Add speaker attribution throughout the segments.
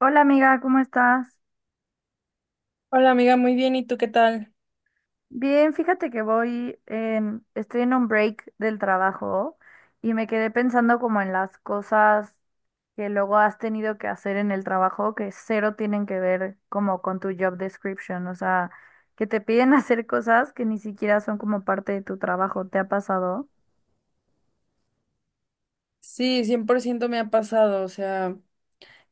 Speaker 1: Hola amiga, ¿cómo estás?
Speaker 2: Hola amiga, muy bien, ¿y tú qué tal?
Speaker 1: Bien, fíjate que estoy en un break del trabajo y me quedé pensando como en las cosas que luego has tenido que hacer en el trabajo que cero tienen que ver como con tu job description, o sea, que te piden hacer cosas que ni siquiera son como parte de tu trabajo, ¿te ha pasado?
Speaker 2: Sí, 100% me ha pasado, o sea,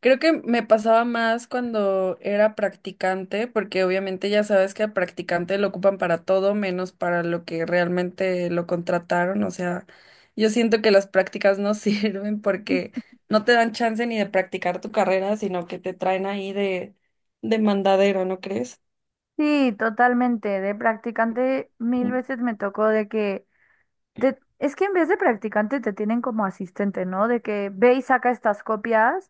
Speaker 2: creo que me pasaba más cuando era practicante, porque obviamente ya sabes que al practicante lo ocupan para todo menos para lo que realmente lo contrataron, o sea, yo siento que las prácticas no sirven porque no te dan chance ni de practicar tu carrera, sino que te traen ahí de mandadero, ¿no crees?
Speaker 1: Sí, totalmente. De practicante mil veces me tocó de que es que en vez de practicante te tienen como asistente, ¿no? De que ve y saca estas copias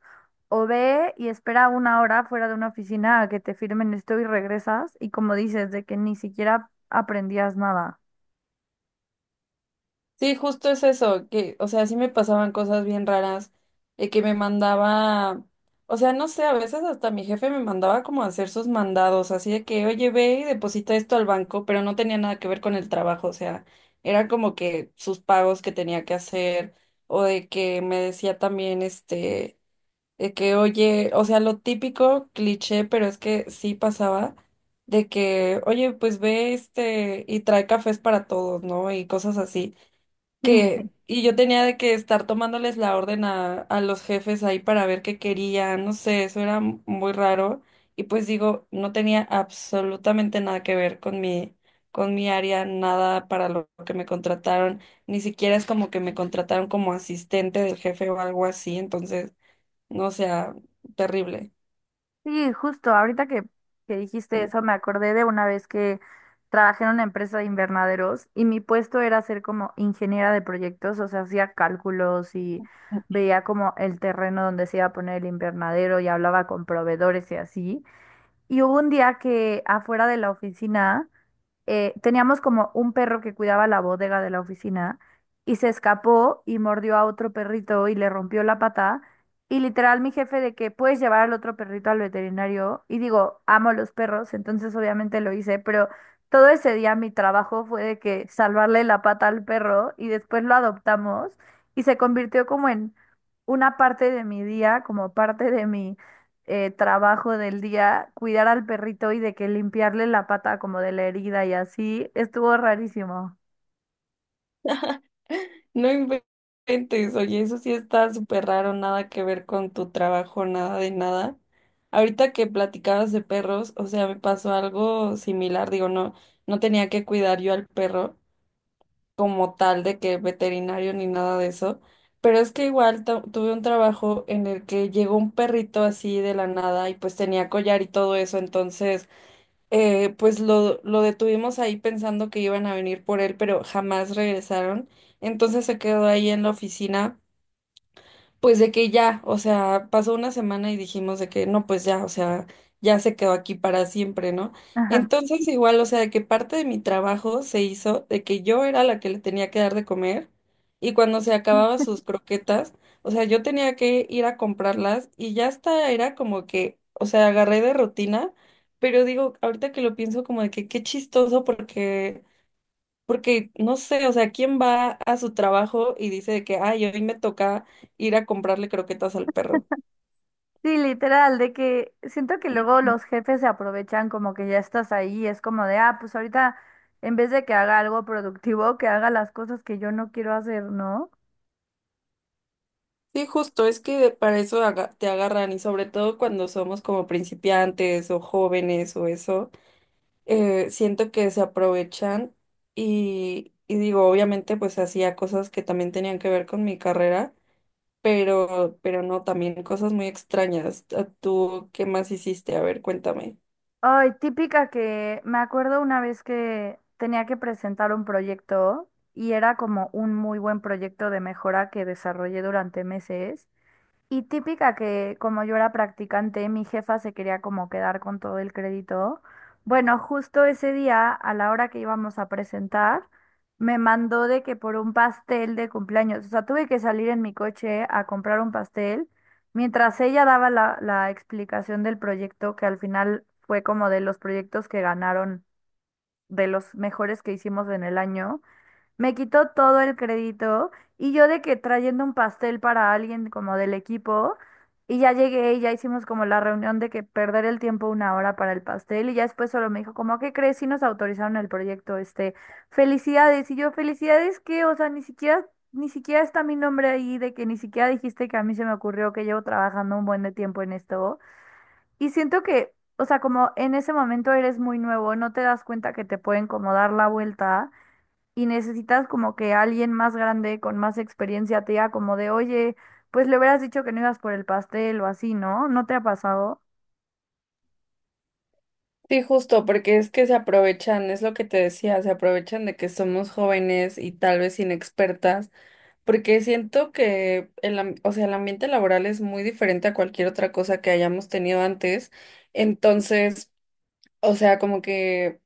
Speaker 1: o ve y espera una hora fuera de una oficina a que te firmen esto y regresas y como dices, de que ni siquiera aprendías nada.
Speaker 2: Sí, justo es eso, que, o sea, sí me pasaban cosas bien raras, de que me mandaba, o sea, no sé, a veces hasta mi jefe me mandaba como a hacer sus mandados, así de que, oye, ve y deposita esto al banco, pero no tenía nada que ver con el trabajo, o sea, era como que sus pagos que tenía que hacer, o de que me decía también, este, de que, oye, o sea, lo típico, cliché, pero es que sí pasaba de que, oye, pues ve este y trae cafés para todos, ¿no? Y cosas así
Speaker 1: Sí,
Speaker 2: que, y yo tenía de que estar tomándoles la orden a los jefes ahí para ver qué querían, no sé, eso era muy raro. Y pues digo, no tenía absolutamente nada que ver con mi área, nada para lo que me contrataron, ni siquiera es como que me contrataron como asistente del jefe o algo así, entonces, no o sea, terrible.
Speaker 1: sí, justo, que dijiste eso me acordé de una vez que trabajé en una empresa de invernaderos y mi puesto era ser como ingeniera de proyectos, o sea, hacía cálculos y veía como el terreno donde se iba a poner el invernadero y hablaba con proveedores y así. Y hubo un día que afuera de la oficina teníamos como un perro que cuidaba la bodega de la oficina y se escapó y mordió a otro perrito y le rompió la pata. Y literal mi jefe de que puedes llevar al otro perrito al veterinario. Y digo, amo los perros, entonces obviamente lo hice, pero todo ese día mi trabajo fue de que salvarle la pata al perro y después lo adoptamos y se convirtió como en una parte de mi día, como parte de mí trabajo del día, cuidar al perrito y de que limpiarle la pata como de la herida y así, estuvo rarísimo.
Speaker 2: No inventes, oye, eso sí está súper raro, nada que ver con tu trabajo, nada de nada. Ahorita que platicabas de perros, o sea, me pasó algo similar, digo, no, no tenía que cuidar yo al perro como tal de que veterinario ni nada de eso, pero es que igual tuve un trabajo en el que llegó un perrito así de la nada y pues tenía collar y todo eso, entonces pues lo detuvimos ahí pensando que iban a venir por él, pero jamás regresaron. Entonces se quedó ahí en la oficina. Pues de que ya, o sea, pasó una semana y dijimos de que no, pues ya, o sea, ya se quedó aquí para siempre, ¿no?
Speaker 1: Ajá.
Speaker 2: Entonces igual, o sea, de que parte de mi trabajo se hizo de que yo era la que le tenía que dar de comer y cuando se acababa sus croquetas, o sea, yo tenía que ir a comprarlas y ya hasta era como que, o sea, agarré de rutina, pero digo, ahorita que lo pienso como de que qué chistoso porque no sé, o sea, ¿quién va a su trabajo y dice de que, ay, hoy me toca ir a comprarle croquetas al perro?
Speaker 1: Sí, literal, de que siento que luego los jefes se aprovechan como que ya estás ahí, es como de, ah, pues ahorita en vez de que haga algo productivo, que haga las cosas que yo no quiero hacer, ¿no?
Speaker 2: Sí, justo, es que para eso te agarran y sobre todo cuando somos como principiantes o jóvenes o eso, siento que se aprovechan y digo, obviamente pues hacía cosas que también tenían que ver con mi carrera, pero no, también cosas muy extrañas. ¿Tú qué más hiciste? A ver, cuéntame.
Speaker 1: Ay, típica que me acuerdo una vez que tenía que presentar un proyecto y era como un muy buen proyecto de mejora que desarrollé durante meses. Y típica que como yo era practicante, mi jefa se quería como quedar con todo el crédito. Bueno, justo ese día, a la hora que íbamos a presentar, me mandó de que por un pastel de cumpleaños, o sea, tuve que salir en mi coche a comprar un pastel, mientras ella daba la explicación del proyecto, que al final fue como de los proyectos que ganaron, de los mejores que hicimos en el año. Me quitó todo el crédito y yo de que trayendo un pastel para alguien como del equipo y ya llegué y ya hicimos como la reunión de que perder el tiempo una hora para el pastel y ya después solo me dijo como, ¿qué crees? Si nos autorizaron el proyecto, este, felicidades y yo, felicidades que, o sea, ni siquiera está mi nombre ahí de que ni siquiera dijiste que a mí se me ocurrió que llevo trabajando un buen de tiempo en esto y siento que, o sea, como en ese momento eres muy nuevo, no te das cuenta que te pueden como dar la vuelta y necesitas como que alguien más grande, con más experiencia, te diga como de, oye, pues le hubieras dicho que no ibas por el pastel o así, ¿no? ¿No te ha pasado?
Speaker 2: Sí, justo, porque es que se aprovechan, es lo que te decía, se aprovechan de que somos jóvenes y tal vez inexpertas, porque siento que el, o sea, el ambiente laboral es muy diferente a cualquier otra cosa que hayamos tenido antes. Entonces, o sea, como que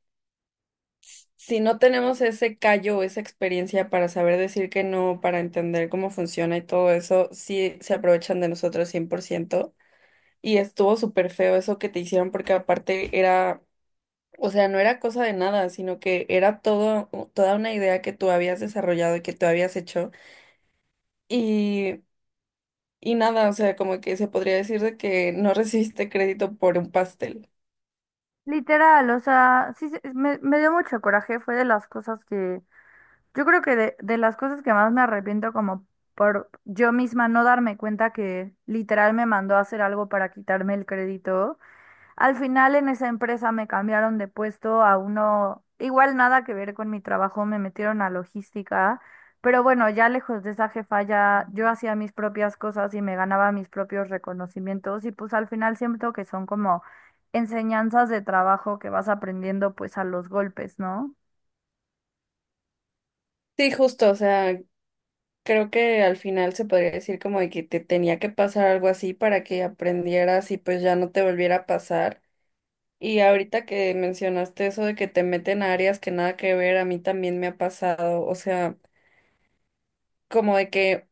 Speaker 2: si no tenemos ese callo, o esa experiencia para saber decir que no, para entender cómo funciona y todo eso, sí se aprovechan de nosotros 100%. Y estuvo súper feo eso que te hicieron porque aparte era, o sea, no era cosa de nada, sino que era todo, toda una idea que tú habías desarrollado y que tú habías hecho. Y, y nada, o sea, como que se podría decir de que no recibiste crédito por un pastel.
Speaker 1: Literal, o sea, sí, me, me dio mucho coraje, fue de las cosas que, yo creo que de las cosas que más me arrepiento como por yo misma no darme cuenta que literal me mandó a hacer algo para quitarme el crédito. Al final en esa empresa me cambiaron de puesto a uno, igual nada que ver con mi trabajo, me metieron a logística, pero bueno, ya lejos de esa jefa ya yo hacía mis propias cosas y me ganaba mis propios reconocimientos y pues al final siento que son como enseñanzas de trabajo que vas aprendiendo pues a los golpes, ¿no?
Speaker 2: Sí, justo, o sea, creo que al final se podría decir como de que te tenía que pasar algo así para que aprendieras y pues ya no te volviera a pasar. Y ahorita que mencionaste eso de que te meten a áreas que nada que ver, a mí también me ha pasado, o sea, como de que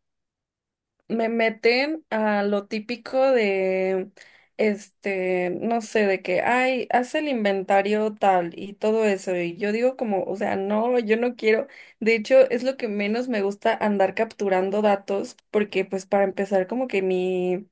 Speaker 2: me meten a lo típico de, este, no sé, de que, ay, haz el inventario tal y todo eso. Y yo digo como, o sea, no, yo no quiero. De hecho, es lo que menos me gusta andar capturando datos porque, pues, para empezar, como que mi,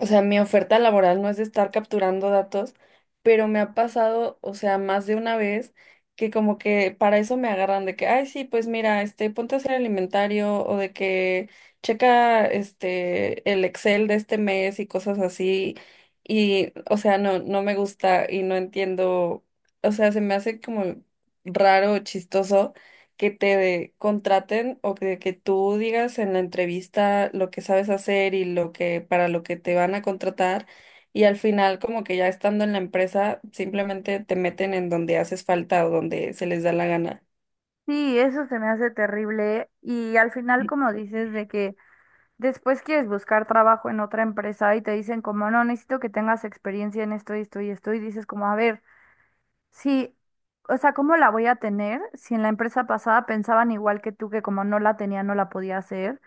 Speaker 2: o sea, mi oferta laboral no es de estar capturando datos, pero me ha pasado, o sea, más de una vez que como que para eso me agarran de que, ay, sí, pues mira, este, ponte a hacer el inventario o de que checa este el Excel de este mes y cosas así. Y, o sea, no, no me gusta y no entiendo, o sea, se me hace como raro, chistoso que te contraten o que tú digas en la entrevista lo que sabes hacer y lo que para lo que te van a contratar y al final como que ya estando en la empresa simplemente te meten en donde haces falta o donde se les da la gana.
Speaker 1: Sí, eso se me hace terrible y al final como dices de que después quieres buscar trabajo en otra empresa y te dicen como no, necesito que tengas experiencia en esto y esto y esto y dices como a ver. Sí, o sea, ¿cómo la voy a tener si en la empresa pasada pensaban igual que tú que como no la tenía no la podía hacer?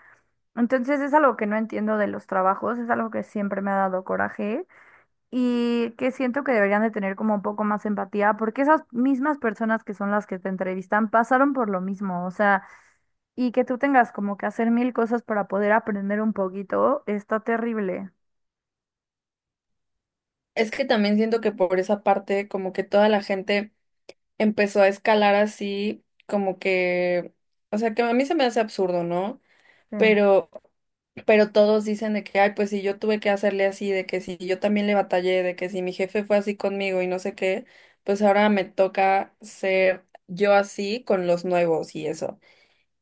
Speaker 1: Entonces es algo que no entiendo de los trabajos, es algo que siempre me ha dado coraje y que siento que deberían de tener como un poco más empatía porque esas mismas personas que son las que te entrevistan pasaron por lo mismo, o sea, y que tú tengas como que hacer mil cosas para poder aprender un poquito, está terrible.
Speaker 2: Es que también siento que por esa parte como que toda la gente empezó a escalar así como que, o sea que a mí se me hace absurdo, ¿no?
Speaker 1: Sí.
Speaker 2: Pero Pero todos dicen de que, ay, pues si yo tuve que hacerle así, de que si yo también le batallé, de que si mi jefe fue así conmigo y no sé qué, pues ahora me toca ser yo así con los nuevos y eso.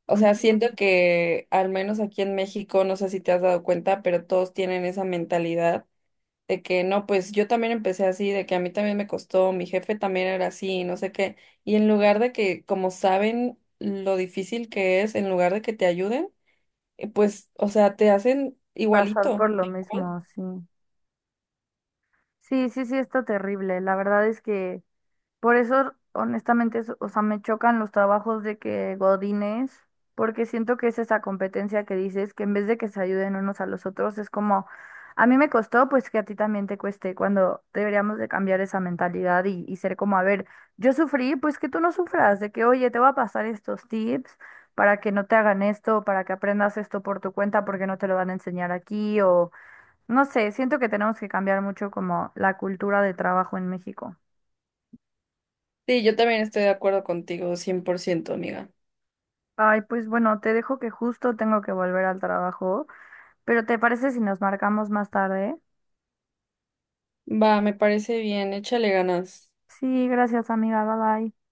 Speaker 2: O sea,
Speaker 1: Ujú.
Speaker 2: siento que al menos aquí en México, no sé si te has dado cuenta, pero todos tienen esa mentalidad de que no, pues yo también empecé así, de que a mí también me costó, mi jefe también era así, no sé qué. Y en lugar de que, como saben lo difícil que es, en lugar de que te ayuden, pues, o sea, te hacen
Speaker 1: Pasar
Speaker 2: igualito.
Speaker 1: por lo
Speaker 2: Igual.
Speaker 1: mismo, sí. Sí, sí, sí, está terrible. La verdad es que... Por eso, honestamente, o sea, me chocan los trabajos de que Godines, porque siento que es esa competencia que dices, que en vez de que se ayuden unos a los otros, es como, a mí me costó, pues que a ti también te cueste, cuando deberíamos de cambiar esa mentalidad y ser como, a ver, yo sufrí, pues que tú no sufras, de que, oye, te voy a pasar estos tips para que no te hagan esto, para que aprendas esto por tu cuenta, porque no te lo van a enseñar aquí, o no sé, siento que tenemos que cambiar mucho como la cultura de trabajo en México.
Speaker 2: Sí, yo también estoy de acuerdo contigo, 100% amiga.
Speaker 1: Ay, pues bueno, te dejo que justo tengo que volver al trabajo, pero ¿te parece si nos marcamos más tarde?
Speaker 2: Va, me parece bien, échale ganas.
Speaker 1: Sí, gracias amiga, bye bye.